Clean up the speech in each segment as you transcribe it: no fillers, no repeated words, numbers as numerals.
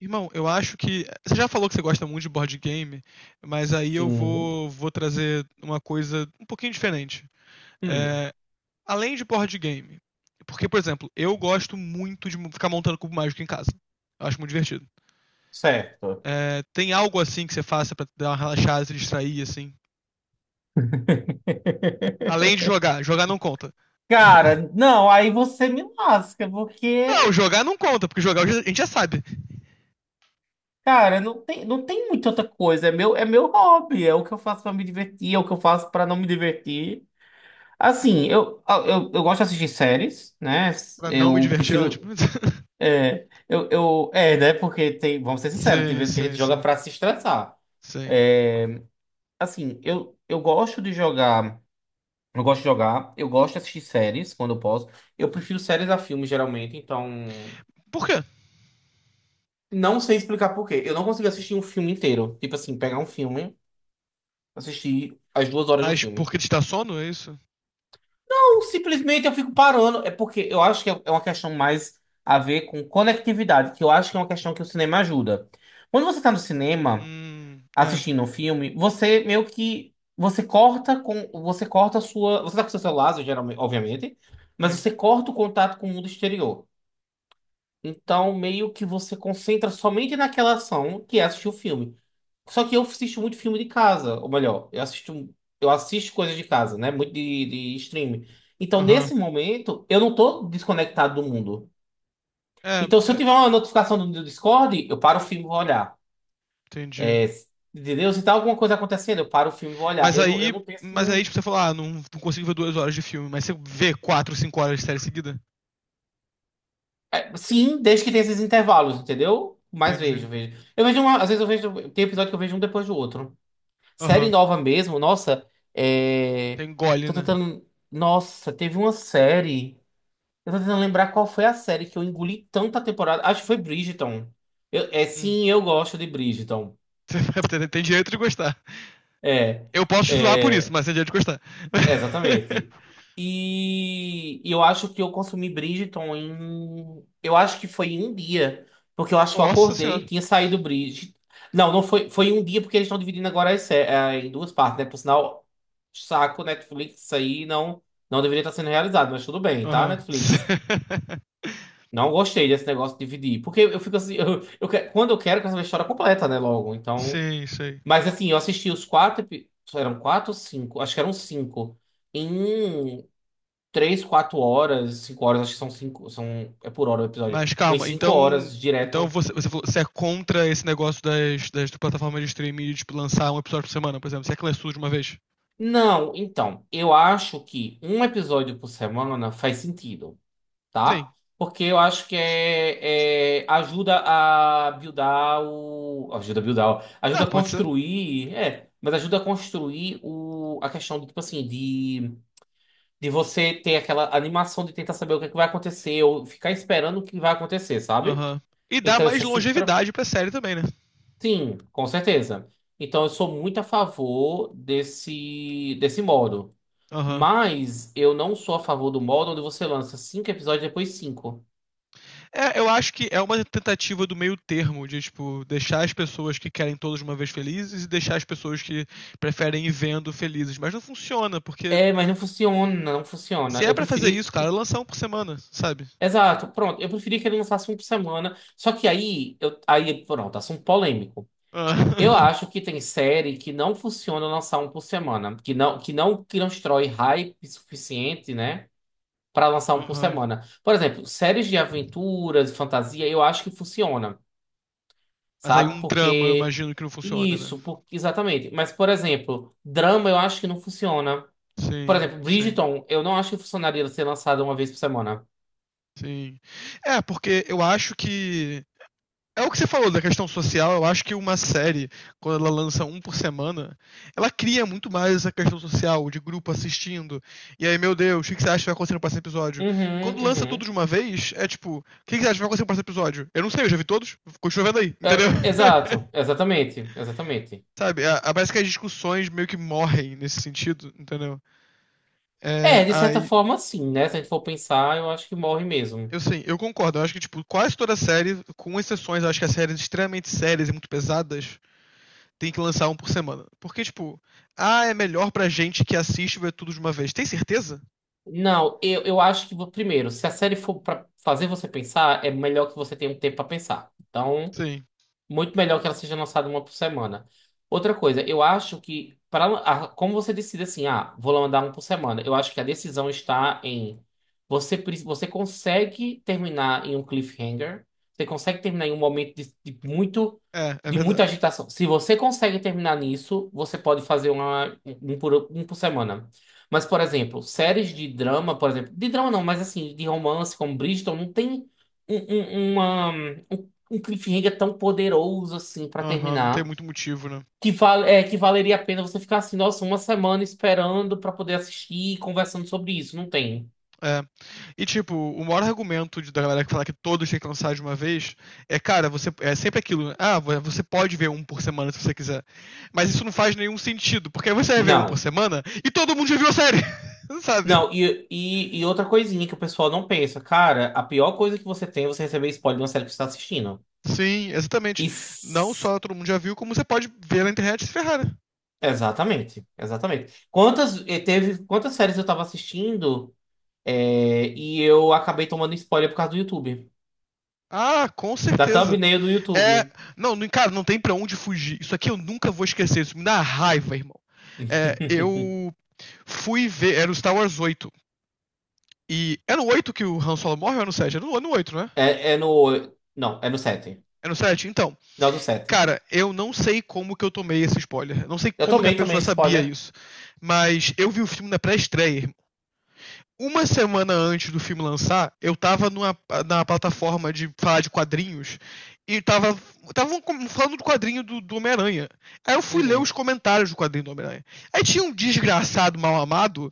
Irmão, eu acho que. você já falou que você gosta muito de board game, mas aí eu Sim. vou trazer uma coisa um pouquinho diferente. Hum. É, além de board game. Porque, por exemplo, eu gosto muito de ficar montando cubo mágico em casa. Eu acho muito divertido. Certo. É, tem algo assim que você faça pra dar uma relaxada, se distrair, assim? Além de jogar. Jogar não conta. Cara, não, aí você me lasca, Não, porque, jogar não conta, porque a gente já sabe. cara, não tem muita outra coisa. É meu hobby, é o que eu faço pra me divertir, é o que eu faço pra não me divertir. Assim, eu gosto de assistir séries, né? Pra não me Eu divertir é prefiro. ótimo. É, eu, é, né? Porque tem, vamos ser sinceros, tem sei, vezes que a gente sei, joga sei. pra se estressar. Sei. É, assim, eu gosto de jogar. Eu gosto de jogar, eu gosto de assistir séries quando eu posso. Eu prefiro séries a filmes, geralmente, então. Por quê? Não sei explicar por quê. Eu não consigo assistir um filme inteiro. Tipo assim, pegar um filme, assistir as 2 horas do Mas filme. porque ele está sono, é isso? Ou simplesmente eu fico parando. É porque eu acho que é uma questão mais a ver com conectividade, que eu acho que é uma questão que o cinema ajuda. Quando você tá no cinema É, assistindo um filme, você meio que. Você corta com. Você corta a sua. Você tá com seu celular, geralmente, obviamente, mas tem. você corta o contato com o mundo exterior. Então, meio que você concentra somente naquela ação que é assistir o filme. Só que eu assisto muito filme de casa, ou melhor, eu assisto coisas de casa, né? Muito de streaming. Então, Aham. nesse momento, eu não tô desconectado do mundo. É, Então, se eu é, tiver uma notificação do Discord, eu paro o filme e vou olhar. entendi. É, entendeu? Se tá alguma coisa acontecendo, eu paro o filme e vou olhar. Mas Eu não, eu aí, não tenho assim. mas aí tipo, você fala, ah, não, não consigo ver 2 horas de filme, mas você vê quatro, 5 horas de série seguida? É, sim, desde que tenha esses intervalos, entendeu? Mas vejo, Entendi. vejo. Eu vejo uma, às vezes eu vejo. Tem episódio que eu vejo um depois do outro. Série Aham. nova mesmo, nossa, é, Tem gole, tô né? tentando. Nossa, teve uma série. Eu tô tentando lembrar qual foi a série que eu engoli tanta temporada. Acho que foi Bridgerton. É Hum. sim, eu gosto de Bridgerton. Você tem direito de gostar. É. Eu posso te zoar por isso, É, mas tem direito de gostar. é, exatamente. E eu acho que eu consumi Bridgerton em. Eu acho que foi em um dia. Porque eu acho que eu Nossa senhora. acordei, tinha saído Bridgerton. Não, não foi, foi em um dia, porque eles estão dividindo agora em duas partes, né? Por sinal, saco, Netflix, isso aí não deveria estar sendo realizado, mas tudo bem, tá, Aham. Netflix? Não gostei desse negócio de dividir. Porque eu fico assim, quando eu quero saber a história completa, né? Logo. Então. Sim, sei. Mas assim, eu assisti os quatro. Eram quatro ou cinco? Acho que eram cinco. Em três, quatro horas, cinco horas, acho que são cinco, são, é por hora o episódio, Mas umas calma, cinco então. horas Então direto. você você é contra esse negócio das, das plataformas de streaming de tipo, lançar um episódio por semana, por exemplo. Se é que lança tudo de uma vez? Não, então, eu acho que um episódio por semana faz sentido, tá? Sim. Porque eu acho que ajuda a buildar o. Ajuda a buildar, ó, ajuda Ah, a pode ser. construir, é, mas ajuda a construir o, a questão do tipo assim, de você ter aquela animação de tentar saber o que é que vai acontecer, ou ficar esperando o que vai acontecer, sabe? Aham. E dá Então eu mais sou super. longevidade pra série também, né? Sim, com certeza. Então, eu sou muito a favor desse, desse modo. Aham. Mas eu não sou a favor do modo onde você lança cinco episódios e depois cinco. É, eu acho que é uma tentativa do meio termo, de tipo, deixar as pessoas que querem todas de uma vez felizes e deixar as pessoas que preferem ir vendo felizes. Mas não funciona, porque É, mas não funciona, não funciona. se é Eu pra fazer preferia. isso, cara, lançar um por semana, sabe? Exato, pronto. Eu preferia que ele lançasse um por semana. Só que aí, pronto, assunto polêmico. Eu Ah. acho que tem série que não funciona lançar um por semana, que não constrói hype suficiente, né? Para lançar um por Aham. semana. Por exemplo, séries de aventuras, fantasia, eu acho que funciona, Mas aí sabe? um drama, eu Porque imagino que não funciona, né? isso, exatamente. Mas, por exemplo, drama eu acho que não funciona. Por Sim, exemplo, sim, Bridgerton, eu não acho que funcionaria ser lançada uma vez por semana. sim. É, porque eu acho que. É o que você falou da questão social. Eu acho que uma série, quando ela lança um por semana, ela cria muito mais essa questão social, de grupo assistindo. E aí, meu Deus, o que que você acha que vai acontecer no próximo episódio? Uhum, Quando lança tudo uhum. de uma vez, é tipo, o que que você acha que vai acontecer no próximo episódio? Eu não sei, eu já vi todos, continua vendo aí, entendeu? É, exato, exatamente, exatamente. Sabe? Parece que as discussões meio que morrem nesse sentido, entendeu? É, É, de certa aí, forma, sim, né? Se a gente for pensar, eu acho que morre mesmo. eu sim, eu concordo. Eu acho que, tipo, quase toda série, com exceções, eu acho que as séries extremamente sérias e muito pesadas tem que lançar um por semana. Porque, tipo, ah, é melhor pra gente que assiste ver tudo de uma vez. Tem certeza? Não, eu acho que, primeiro, se a série for pra fazer você pensar, é melhor que você tenha um tempo pra pensar. Então. Sim. Muito melhor que ela seja lançada uma por semana. Outra coisa, eu acho que, para, como você decide assim, ah, vou mandar um por semana, eu acho que a decisão está em você, você consegue terminar em um cliffhanger, você consegue terminar em um momento de muito, É, é de muita verdade. agitação. Se você consegue terminar nisso, você pode fazer um por semana. Mas, por exemplo, séries de drama, por exemplo, de drama não, mas assim, de romance, como Bridgerton, não tem um, um, uma- um um cliffhanger tão poderoso assim pra Aham, não tem terminar, muito motivo, né? Que valeria a pena você ficar assim, nossa, uma semana esperando pra poder assistir e conversando sobre isso. Não tem. É. E, tipo, o maior argumento de, da galera que fala que todos têm que lançar de uma vez é, cara, você é sempre aquilo, né? Ah, você pode ver um por semana se você quiser. Mas isso não faz nenhum sentido, porque aí você vai ver um por Não. semana e todo mundo já viu a série, sabe? Não, e outra coisinha que o pessoal não pensa, cara, a pior coisa que você tem é você receber spoiler de uma série que você está assistindo. Sim, exatamente. E Não s- só todo mundo já viu, como você pode ver na internet e se ferrar, né? Exatamente, exatamente. Quantas séries eu tava assistindo, e eu acabei tomando spoiler por causa do YouTube, Ah, com da certeza. thumbnail do É. YouTube. Cara, não tem pra onde fugir. Isso aqui eu nunca vou esquecer. Isso me dá raiva, irmão. É, eu fui ver. Era o Star Wars 8 era no 8 que o Han Solo morre ou é no 7? É no 8 né? Não, é no sete. É no 7? Então. Final do 7. Cara, eu não sei como que eu tomei esse spoiler. Não sei Eu como que a tomei também pessoa sabia spoiler. isso. Mas eu vi o filme na pré-estreia, uma semana antes do filme lançar, eu tava na plataforma de falar de quadrinhos e tava falando do quadrinho do Homem-Aranha. Aí eu fui ler os Uhum. comentários do quadrinho do Homem-Aranha. Aí tinha um desgraçado mal amado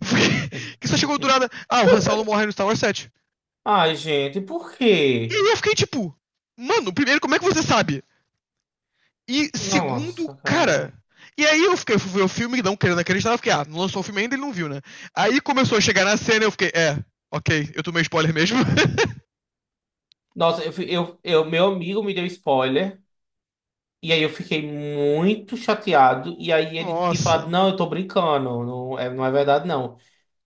que só chegou do nada. Ah, o Han Solo morre no Star Wars 7. Ai, gente, por quê? E eu fiquei tipo, mano, primeiro, como é que você sabe? E segundo, Nossa, cara. cara, e aí eu fiquei, fui ver o filme, não querendo acreditar, eu fiquei, ah, não lançou o filme ainda, ele não viu, né? Aí começou a chegar na cena, e eu fiquei, é, ok, eu tomei spoiler mesmo. Nossa, eu, fi- eu- meu amigo me deu spoiler. E aí eu fiquei muito chateado. E aí ele tinha falado, Nossa, não, eu tô brincando. Não é, não é verdade, não.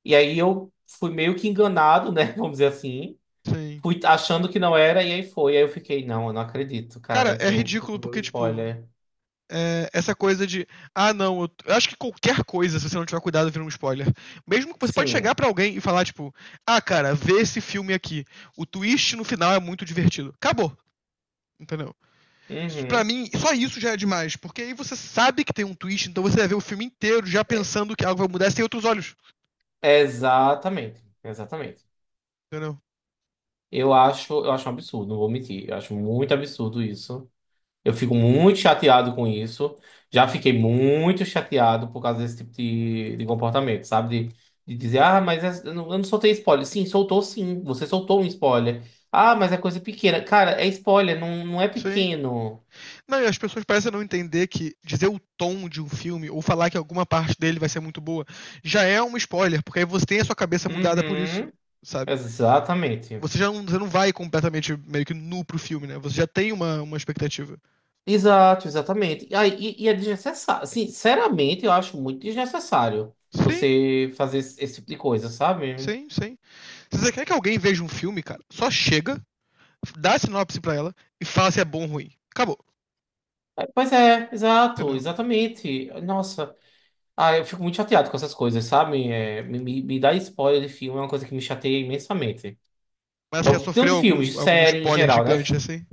E aí eu fui meio que enganado, né? Vamos dizer assim. sim. Fui achando que não era, e aí foi. E aí eu fiquei, não, eu não acredito, Cara, cara, é que eu ridículo tomei o porque, tipo, spoiler. é, essa coisa de, ah, não, eu acho que qualquer coisa, se você não tiver cuidado, vira um spoiler. Mesmo que você pode chegar Sim. pra alguém e falar, tipo, ah, cara, vê esse filme aqui. O twist no final é muito divertido. Acabou. Entendeu? Isso, pra Uhum. mim, só isso já é demais, porque aí você sabe que tem um twist, então você vai ver o filme inteiro já É, pensando que algo vai mudar sem outros olhos. exatamente, exatamente. Entendeu? Eu acho um absurdo, não vou mentir. Eu acho muito absurdo isso. Eu fico muito chateado com isso. Já fiquei muito chateado por causa desse tipo de comportamento, sabe? De dizer, ah, mas eu não soltei spoiler. Sim, soltou sim. Você soltou um spoiler. Ah, mas é coisa pequena. Cara, é spoiler, não, não é Sim. pequeno. Não, e as pessoas parecem não entender que dizer o tom de um filme ou falar que alguma parte dele vai ser muito boa já é um spoiler, porque aí você tem a sua cabeça mudada por isso, Uhum, sabe? exatamente. Você já não, você não vai completamente meio que nu pro filme, né? Você já tem uma expectativa. Exato, exatamente. É desnecessário. Sinceramente, eu acho muito desnecessário Sim, você fazer esse, esse tipo de coisa, sabe? sim, sim. Se você quer que alguém veja um filme, cara, só chega, dá a sinopse pra ela e fala se é bom ou ruim. Acabou, É, pois é, exato, entendeu? exatamente. Nossa, ah, eu fico muito chateado com essas coisas, sabe? É, me dar spoiler de filme é uma coisa que me chateia imensamente. Mas você já Tanto de sofreu filmes, de algum, algum série em spoiler geral, né? gigante assim?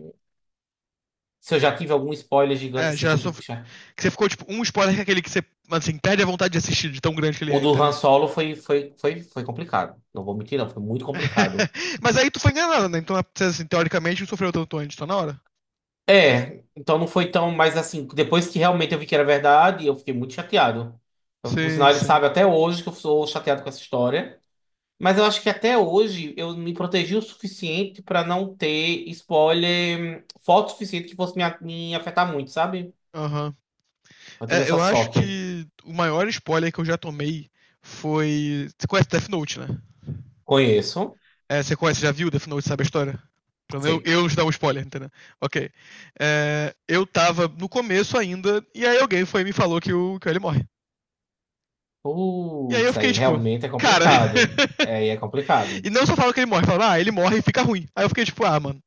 Se eu já tive algum spoiler gigante É, assim que já eu fico sofreu. chateado. Você ficou, tipo, um spoiler que é aquele que você, assim, perde a vontade de assistir, de tão grande que ele O é, do Han entendeu? Solo foi complicado. Não vou mentir, não, foi muito complicado. Mas aí tu foi enganado, né? Então, é, assim, teoricamente, não sofreu tanto antes, tá na hora? É, então não foi tão, mas assim, depois que realmente eu vi que era verdade, eu fiquei muito chateado. Por sinal, Sim, ele sabe sim. até hoje que eu sou chateado com essa história. Mas eu acho que até hoje eu me protegi o suficiente pra não ter spoiler, foto suficiente que fosse me afetar muito, sabe? Aham. Eu tive É, essa eu acho sorte. que o maior spoiler que eu já tomei foi. Você conhece Death Note, né? Conheço, É, você conhece, já viu Death Note, sabe a história? Pra eu, sei. eu não te dar um spoiler, entendeu? Ok. É, eu tava no começo ainda, e aí alguém foi e me falou que o que ele morre. E aí eu Putz, aí fiquei tipo, realmente é cara. complicado. É, aí é complicado. e não só fala que ele morre, fala, ah, ele morre e fica ruim. Aí eu fiquei tipo, ah, mano.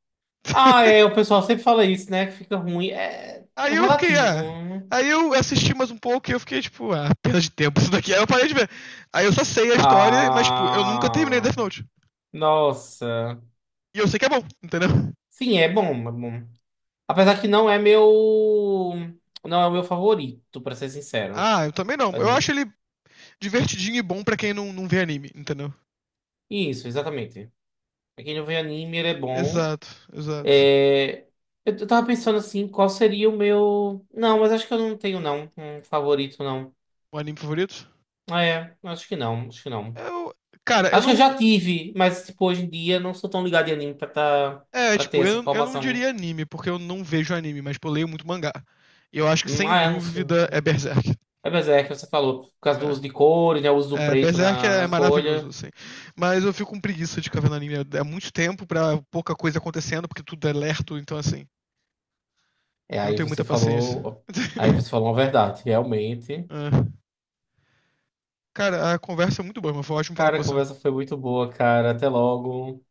Ah, é, o pessoal sempre fala isso, né? Que fica ruim. É, Aí é eu fiquei, relativo. ah. Aí eu assisti mais um pouco e eu fiquei, tipo, ah, perda de tempo isso daqui. Aí eu parei de ver. Aí eu só sei a história, mas, tipo, eu nunca terminei Death Ah, Note. nossa. E eu sei que é bom, entendeu? Sim, é bom, é bom. Apesar que não é meu, não é o meu favorito, pra ser sincero. Ah, eu também não. Eu acho Ani- ele divertidinho e bom pra quem não vê anime, entendeu? Isso, exatamente. Pra quem não vê anime, ele é bom. Exato, exato. É, eu tava pensando assim, qual seria o meu? Não, mas acho que eu não tenho não um favorito não. O anime favorito? Ah, é, acho que não, acho que não. Eu. Cara, eu Acho que eu não. já tive, mas tipo hoje em dia não sou tão ligado em anime pra tá, É, para ter tipo, essa eu não informação. diria anime, porque eu não vejo anime, mas, tipo, eu leio muito mangá. E eu acho que, sem Ah, é, não sei. dúvida, é Berserk. É, mas é que você falou, por causa do uso É, de cores, né? O uso do é, preto Berserk na, é na maravilhoso, folha. assim. Mas eu fico com preguiça de ficar na linha. É muito tempo pra pouca coisa acontecendo, porque tudo é lerto, então assim, É, eu não aí tenho você muita paciência. falou. Aí você falou uma verdade, realmente. É. Cara, a conversa é muito boa, mas foi ótimo falar Cara, com a você. conversa foi muito boa, cara. Até logo.